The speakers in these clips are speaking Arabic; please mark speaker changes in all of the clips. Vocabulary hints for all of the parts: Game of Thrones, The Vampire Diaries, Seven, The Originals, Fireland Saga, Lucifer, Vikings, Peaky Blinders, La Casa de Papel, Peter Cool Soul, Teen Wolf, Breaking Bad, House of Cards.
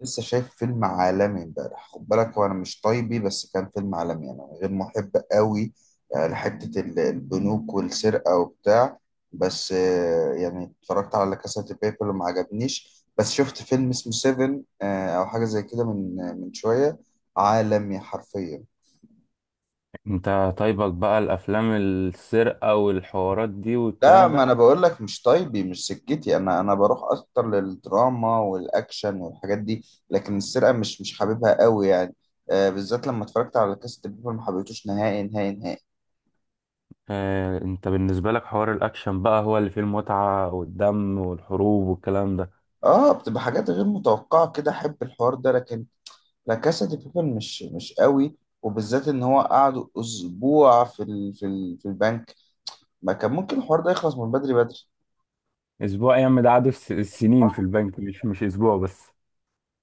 Speaker 1: لسه شايف فيلم عالمي امبارح. خد بالك، هو انا مش طيبي، بس كان فيلم عالمي انا غير محب قوي. لحته البنوك والسرقه وبتاع. بس يعني اتفرجت على لا كاسا دي بيبل وما عجبنيش. بس شفت فيلم اسمه سيفن، او حاجه زي كده من من شويه. عالمي حرفيا.
Speaker 2: انت طيبك بقى الافلام السرقه والحوارات دي
Speaker 1: لا،
Speaker 2: والكلام
Speaker 1: ما
Speaker 2: ده؟
Speaker 1: انا بقول لك مش طيبي، مش سكتي. انا بروح اكتر للدراما والاكشن والحاجات دي. لكن السرقه مش حاببها قوي يعني. بالذات لما اتفرجت على كاست بيبل ما حبيتوش نهائي نهائي نهائي.
Speaker 2: انت بالنسبه لك حوار الاكشن بقى هو اللي فيه المتعه والدم والحروب والكلام ده؟
Speaker 1: اه، بتبقى حاجات غير متوقعه كده، احب الحوار ده لكن لا كاسا دي بيبل مش قوي. وبالذات ان هو قعدوا اسبوع في البنك، ما كان ممكن الحوار ده يخلص من بدري بدري.
Speaker 2: اسبوع ايام ده قعدوا السنين في البنك، مش اسبوع بس.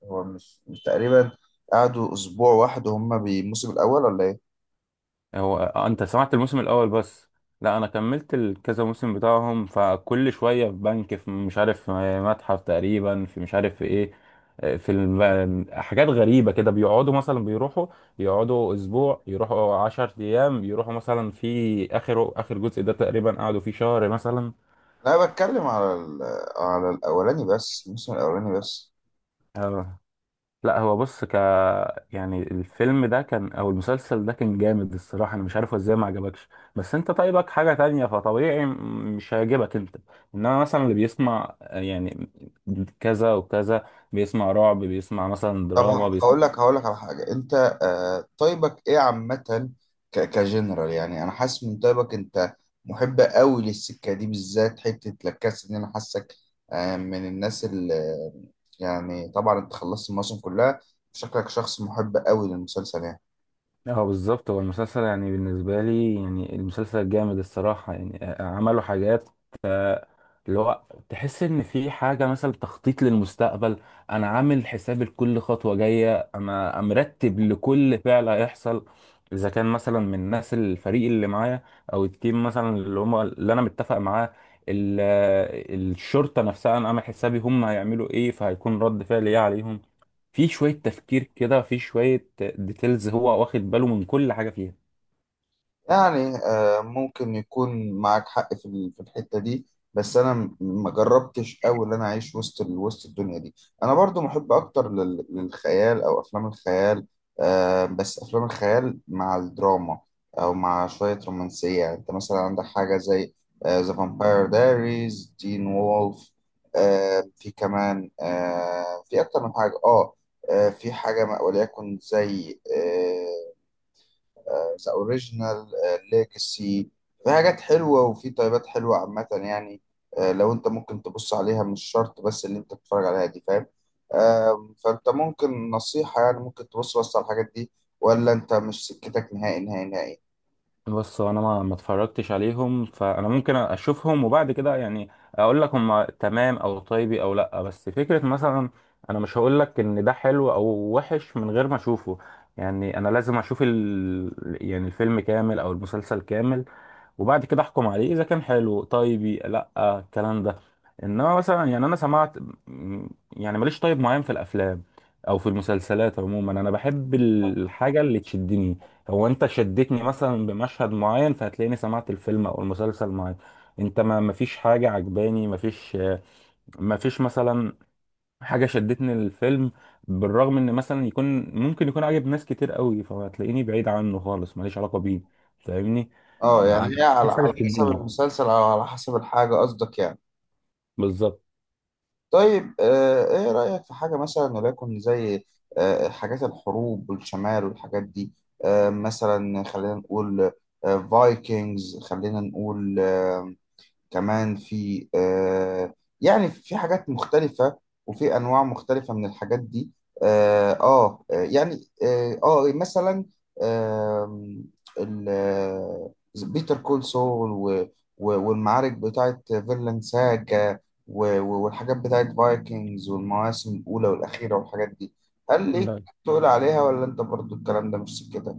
Speaker 1: هو مش تقريبا قعدوا اسبوع واحد وهم الموسم الاول ولا ايه؟
Speaker 2: هو انت سمعت الموسم الاول بس؟ لا، انا كملت الكذا موسم بتاعهم، فكل شويه في بنك، في مش عارف متحف تقريبا، في مش عارف في ايه. في حاجات غريبه كده بيقعدوا مثلا بيروحوا. يقعدوا اسبوع، يروحوا 10 ايام، يروحوا مثلا في اخر اخر جزء ده تقريبا قعدوا فيه شهر مثلا.
Speaker 1: لا، بتكلم على على الاولاني بس، الموسم الاولاني بس.
Speaker 2: لا، هو بص. يعني الفيلم ده كان او المسلسل ده كان جامد الصراحه، انا مش عارف هو ازاي ما عجبكش. بس انت طيبك حاجه تانية، فطبيعي مش هيعجبك انت. انما مثلا اللي بيسمع يعني كذا وكذا، بيسمع رعب، بيسمع مثلا
Speaker 1: طب
Speaker 2: دراما،
Speaker 1: اه، هقول
Speaker 2: بيسمع.
Speaker 1: لك هقول لك على حاجه. انت طيبك ايه عامه؟ كجنرال، يعني انا حاسس من طيبك انت محب قوي للسكه دي، بالذات حته لكاس ان انا حاسك من الناس اللي، يعني طبعا انت خلصت الموسم كلها، شكلك شخص محب قوي للمسلسل يعني.
Speaker 2: اه، بالظبط، هو المسلسل يعني بالنسبه لي، يعني المسلسل جامد الصراحه، يعني عملوا حاجات اللي هو تحس ان في حاجه مثلا تخطيط للمستقبل. انا عامل حساب لكل خطوه جايه، انا مرتب لكل فعل هيحصل، اذا كان مثلا من الناس الفريق اللي معايا او التيم مثلا اللي هم اللي انا متفق معاه. ال- الشرطه نفسها انا عامل حسابي هم هيعملوا ايه، فهيكون رد فعل ايه عليهم. في شويه تفكير كده، في شويه ديتيلز، هو واخد باله من كل حاجه فيها.
Speaker 1: يعني ممكن يكون معاك حق في الحتة دي. بس انا ما جربتش قوي ان انا اعيش وسط الدنيا دي. انا برضو محب اكتر للخيال او افلام الخيال. بس افلام الخيال مع الدراما، او مع شوية رومانسية. يعني انت مثلا عندك حاجة زي ذا فامباير دايريز، تين وولف. في كمان في اكتر من حاجة، اه. في حاجة وليكن زي ذا اوريجينال، ليجاسي. في حاجات حلوه وفي طيبات حلوه عامه يعني. لو انت ممكن تبص عليها، مش شرط بس اللي انت بتتفرج عليها دي، فاهم؟ فانت ممكن نصيحه، يعني ممكن تبص بس على الحاجات دي، ولا انت مش سكتك نهائي نهائي نهائي؟
Speaker 2: بص، هو انا ما اتفرجتش عليهم، فانا ممكن اشوفهم وبعد كده يعني اقول لك هم تمام او طيبي او لا. بس فكره مثلا، انا مش هقول لك ان ده حلو او وحش من غير ما اشوفه. يعني انا لازم اشوف يعني الفيلم كامل او المسلسل كامل، وبعد كده احكم عليه اذا كان حلو طيبي لا، الكلام ده. انما مثلا يعني انا سمعت م- يعني ماليش طيب معين في الافلام او في المسلسلات عموما. انا بحب الحاجه اللي تشدني. هو انت شدتني مثلا بمشهد معين، فهتلاقيني سمعت الفيلم او المسلسل معاك. انت ما مفيش حاجة عجباني، مفيش مثلا حاجة شدتني للفيلم، بالرغم ان مثلا يكون ممكن يكون عاجب ناس كتير قوي، فهتلاقيني بعيد عنه خالص، ماليش علاقة بيه. فاهمني؟
Speaker 1: اه،
Speaker 2: فانا
Speaker 1: يعني هي على
Speaker 2: مفيش حاجة
Speaker 1: على حسب
Speaker 2: تشدني
Speaker 1: المسلسل او على حسب الحاجه قصدك يعني.
Speaker 2: بالظبط.
Speaker 1: طيب ايه رأيك في حاجة مثلا وليكن زي حاجات الحروب والشمال والحاجات دي، مثلا خلينا نقول فايكنجز، خلينا نقول كمان في يعني في حاجات مختلفة وفي أنواع مختلفة من الحاجات دي. يعني مثلا آه ال- آه، بيتر كول سول، والمعارك بتاعت فيرلاند ساجا، والحاجات بتاعت فايكنجز والمواسم الأولى والأخيرة والحاجات دي. هل ليك
Speaker 2: لا،
Speaker 1: تقول عليها، ولا أنت برضو الكلام ده مش سكتك؟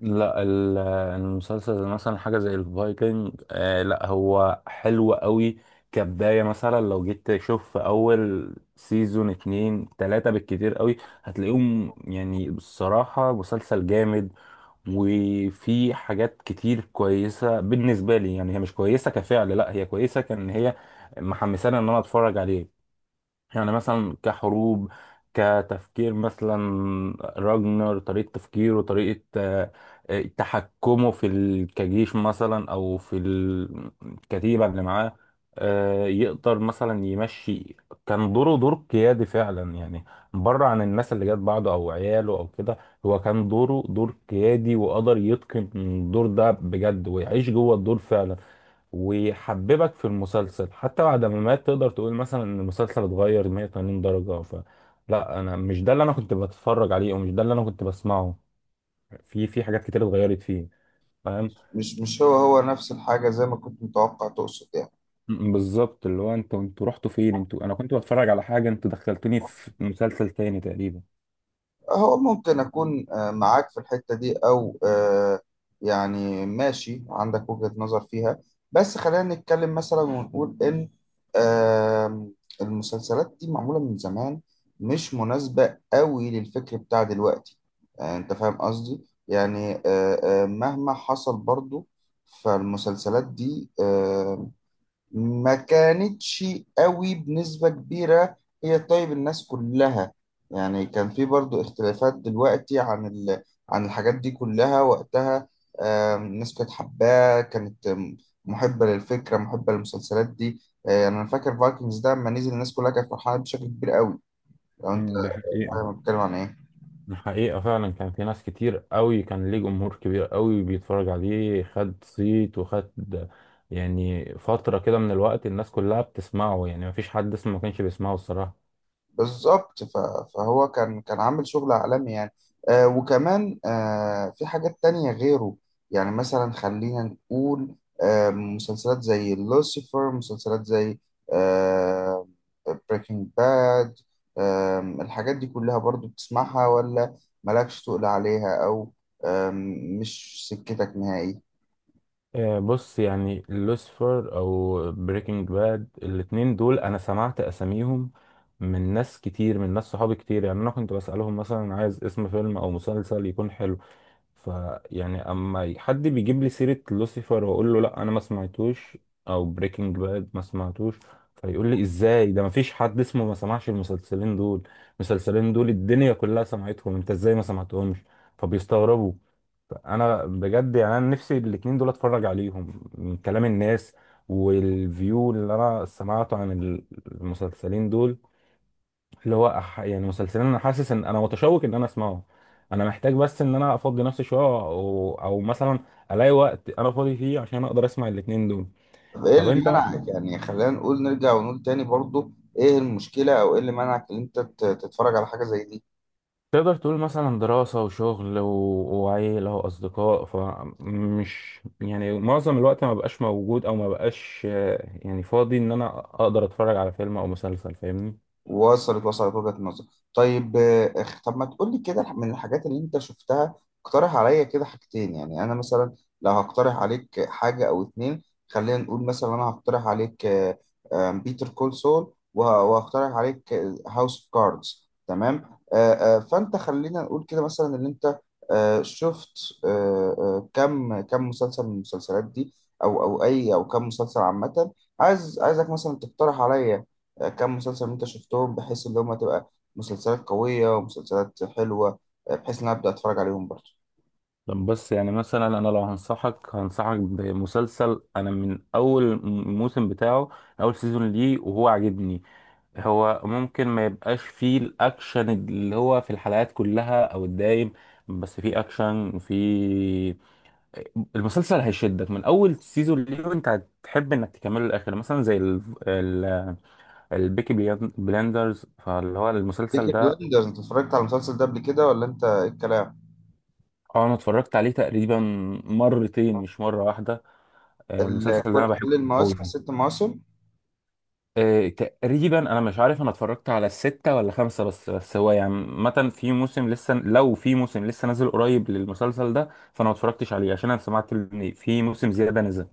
Speaker 2: لا، المسلسل زي مثلا حاجة زي الفايكنج، آه، لا، هو حلو قوي كبداية. مثلا لو جيت تشوف في أول سيزون 2-3 بالكتير قوي، هتلاقيهم يعني بصراحة مسلسل جامد. وفي حاجات كتير كويسة بالنسبة لي، يعني هي مش كويسة كفعل، لا، هي كويسة كان هي محمسانة إن أنا أتفرج عليه. يعني مثلا كحروب، كتفكير مثلا، راجنر طريقة تفكيره، طريقة تحكمه في كجيش مثلا أو في الكتيبة اللي معاه، يقدر مثلا يمشي. كان دوره دور قيادي فعلا يعني، بره عن الناس اللي جت بعده أو عياله أو كده. هو كان دوره دور قيادي وقدر يتقن الدور ده بجد، ويعيش جوه الدور فعلا، ويحببك في المسلسل. حتى بعد ما مات تقدر تقول مثلا ان المسلسل اتغير 180 درجة. ف لا، انا مش ده اللي انا كنت بتفرج عليه، ومش ده اللي انا كنت بسمعه. في حاجات كتير اتغيرت فيه. فاهم؟
Speaker 1: مش هو نفس الحاجة زي ما كنت متوقع تقصد يعني.
Speaker 2: بالظبط، اللي هو انتوا رحتوا فين؟ انتوا انا كنت بتفرج على حاجة، انتوا دخلتوني في مسلسل تاني تقريبا.
Speaker 1: هو ممكن أكون معاك في الحتة دي، أو يعني ماشي عندك وجهة نظر فيها. بس خلينا نتكلم مثلا ونقول إن آم، المسلسلات دي معمولة من زمان، مش مناسبة قوي للفكر بتاع دلوقتي. أنت فاهم قصدي؟ يعني مهما حصل برضو فالمسلسلات دي ما كانتش قوي بنسبة كبيرة هي طيب الناس كلها. يعني كان في برضو اختلافات دلوقتي عن عن الحاجات دي كلها وقتها. الناس كانت حباه، كانت محبة للفكرة، محبة للمسلسلات دي. يعني أنا فاكر فايكنجز ده لما نزل الناس كلها كانت فرحانة بشكل كبير قوي، لو أنت
Speaker 2: م، ده حقيقي.
Speaker 1: فاهم أنا بتكلم عن إيه.
Speaker 2: الحقيقة فعلا كان في ناس كتير قوي، كان ليه جمهور كبير قوي بيتفرج عليه. خد صيت وخد، يعني فترة كده من الوقت الناس كلها بتسمعه. يعني مفيش حد اسمه ما كانش بيسمعه الصراحة.
Speaker 1: بالظبط. فهو كان عامل شغل عالمي يعني. وكمان في حاجات تانية غيره. يعني مثلا خلينا نقول مسلسلات زي لوسيفر، مسلسلات زي آه بريكنج باد. الحاجات دي كلها برضو بتسمعها، ولا مالكش تقول عليها، أو آه مش سكتك نهائي؟
Speaker 2: بص، يعني لوسيفر او بريكنج باد، الاتنين دول انا سمعت اساميهم من ناس كتير، من ناس صحابي كتير. يعني انا كنت بسألهم مثلا عايز اسم فيلم او مسلسل يكون حلو، فيعني اما حد بيجيب لي سيرة لوسيفر واقول له لا، انا ما سمعتوش، او بريكنج باد ما سمعتوش، فيقول لي ازاي؟ ده ما فيش حد اسمه ما سمعش المسلسلين دول. المسلسلين دول الدنيا كلها سمعتهم، انت ازاي ما سمعتهمش؟ فبيستغربوا. انا بجد يعني انا نفسي الاتنين دول اتفرج عليهم، من كلام الناس والفيو اللي انا سمعته عن المسلسلين دول، اللي هو يعني مسلسلين انا حاسس ان انا متشوق ان انا اسمعه. انا محتاج بس ان انا افضي نفسي شويه، او مثلا الاقي وقت انا فاضي فيه عشان اقدر اسمع الاتنين دول.
Speaker 1: طب ايه
Speaker 2: طب
Speaker 1: اللي
Speaker 2: انت مثلا
Speaker 1: منعك، يعني خلينا نقول نرجع ونقول تاني برضو ايه المشكلة او ايه اللي منعك ان انت تتفرج على حاجة زي دي؟
Speaker 2: تقدر تقول مثلا دراسه وشغل وعيله واصدقاء، فمش يعني معظم الوقت ما بقاش موجود، او ما بقاش يعني فاضي ان انا اقدر اتفرج على فيلم او مسلسل. فاهمني؟
Speaker 1: وصلت وصلت وجهة النظر. طيب اخ طب ما تقول لي كده من الحاجات اللي انت شفتها، اقترح عليا كده حاجتين. يعني انا مثلا لو هقترح عليك حاجة او اتنين، خلينا نقول مثلا انا هقترح عليك بيتر كول سول، وهقترح عليك هاوس اوف كاردز، تمام. فانت خلينا نقول كده مثلا اللي انت شفت كم مسلسل من المسلسلات دي، او اي او كم مسلسل عامة. عايزك مثلا تقترح عليا كم مسلسل انت شفتهم بحيث ان هم تبقى مسلسلات قوية ومسلسلات حلوة، بحيث ان أنا ابدا اتفرج عليهم برضه.
Speaker 2: طب بس يعني مثلا انا لو هنصحك بمسلسل، انا من اول موسم بتاعه، اول سيزون ليه وهو عاجبني. هو ممكن ما يبقاش فيه الاكشن اللي هو في الحلقات كلها او الدايم، بس فيه اكشن في المسلسل هيشدك من اول سيزون ليه، وانت هتحب انك تكمله للاخر. مثلا زي ال... البيكي بلاندرز، فاللي هو المسلسل
Speaker 1: بيكي
Speaker 2: ده.
Speaker 1: بلندرز، انت اتفرجت على المسلسل ده قبل كده، ولا انت ايه الكلام؟
Speaker 2: اه، انا اتفرجت عليه تقريبا مرتين، مش مرة واحدة. المسلسل ده
Speaker 1: كل
Speaker 2: انا بحبه
Speaker 1: كل المواسم،
Speaker 2: قوي.
Speaker 1: 6 مواسم.
Speaker 2: تقريبا انا مش عارف انا اتفرجت على الستة ولا خمسة بس هو يعني مثلا في موسم لسه، لو في موسم لسه نازل قريب للمسلسل ده فانا ما اتفرجتش عليه، عشان انا سمعت ان في موسم زيادة نزل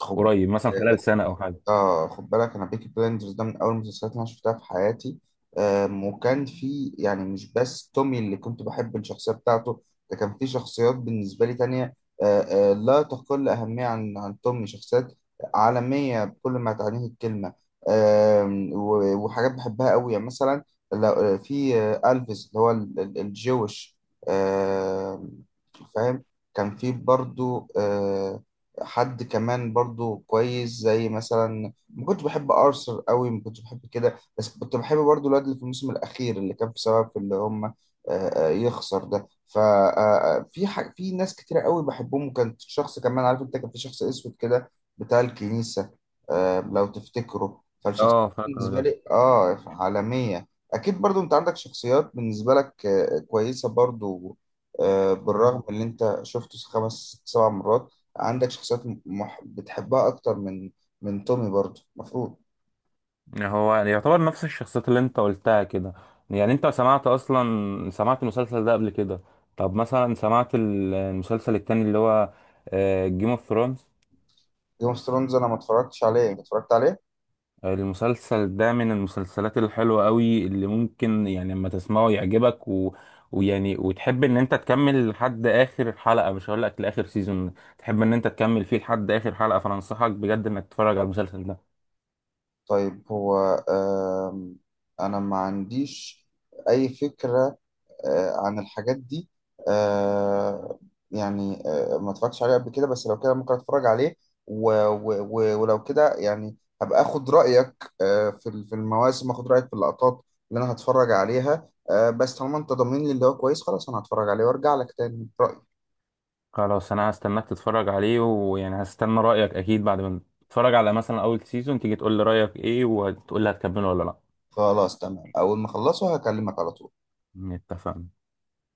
Speaker 1: خب،
Speaker 2: قريب مثلا خلال سنة او حاجة.
Speaker 1: اه خد بالك، انا بيكي بلايندرز ده من اول المسلسلات اللي انا شفتها في حياتي. وكان في يعني مش بس تومي اللي كنت بحب الشخصيه بتاعته، ده كان في شخصيات بالنسبه لي تانية لا تقل اهميه عن تومي، شخصيات عالميه بكل ما تعنيه الكلمه. وحاجات بحبها قوي يعني مثلا، في الفيس اللي هو الجويش. آم، فاهم. كان في برضو حد كمان برضو كويس، زي مثلا ما كنتش بحب ارثر قوي، ما كنتش بحب كده، بس كنت بحب برضو الواد اللي في الموسم الاخير اللي كان بسبب في اللي هم يخسر ده. ففي في ناس كتيرة قوي بحبهم، وكان شخص كمان، عارف انت كان في شخص اسود كده بتاع الكنيسة. لو تفتكره، فالشخصيات
Speaker 2: اه، فاكره
Speaker 1: بالنسبة
Speaker 2: ده.
Speaker 1: لي اه عالمية. اكيد برضو انت عندك شخصيات بالنسبة لك كويسة برضو. بالرغم اللي انت شفته 5 7 مرات، عندك شخصيات بتحبها اكتر من تومي برضه المفروض.
Speaker 2: يعني هو يعني يعتبر نفس الشخصيات اللي انت قلتها كده. يعني انت سمعت اصلا سمعت المسلسل ده قبل كده؟ طب مثلا سمعت المسلسل التاني اللي هو جيم اوف ثرونز؟
Speaker 1: جيم اوف ثرونز انا ما اتفرجتش عليه، انت اتفرجت عليه.
Speaker 2: المسلسل ده من المسلسلات الحلوة قوي اللي ممكن يعني لما تسمعه يعجبك ويعني وتحب ان انت تكمل لحد اخر حلقة. مش هقول لك لاخر سيزون، تحب ان انت تكمل فيه لحد اخر حلقة، فانصحك بجد انك تتفرج على المسلسل ده.
Speaker 1: طيب هو آم... انا ما عنديش اي فكرة عن الحاجات دي. آه، يعني ما اتفرجتش عليه قبل كده، بس لو كده ممكن اتفرج عليه. ولو كده يعني هبقى اخد رايك في المواسم، اخد رايك في اللقطات اللي انا هتفرج عليها. بس طالما انت ضامن لي اللي هو كويس، خلاص انا هتفرج عليه وارجع لك تاني برأيي.
Speaker 2: خلاص، انا هستناك تتفرج عليه، ويعني هستنى رأيك اكيد بعد ما تتفرج على مثلا اول سيزون تيجي تقول لي رأيك ايه، وتقول لي هتكمله ولا لا.
Speaker 1: خلاص تمام، أول ما أخلصه هكلمك على طول.
Speaker 2: اتفقنا.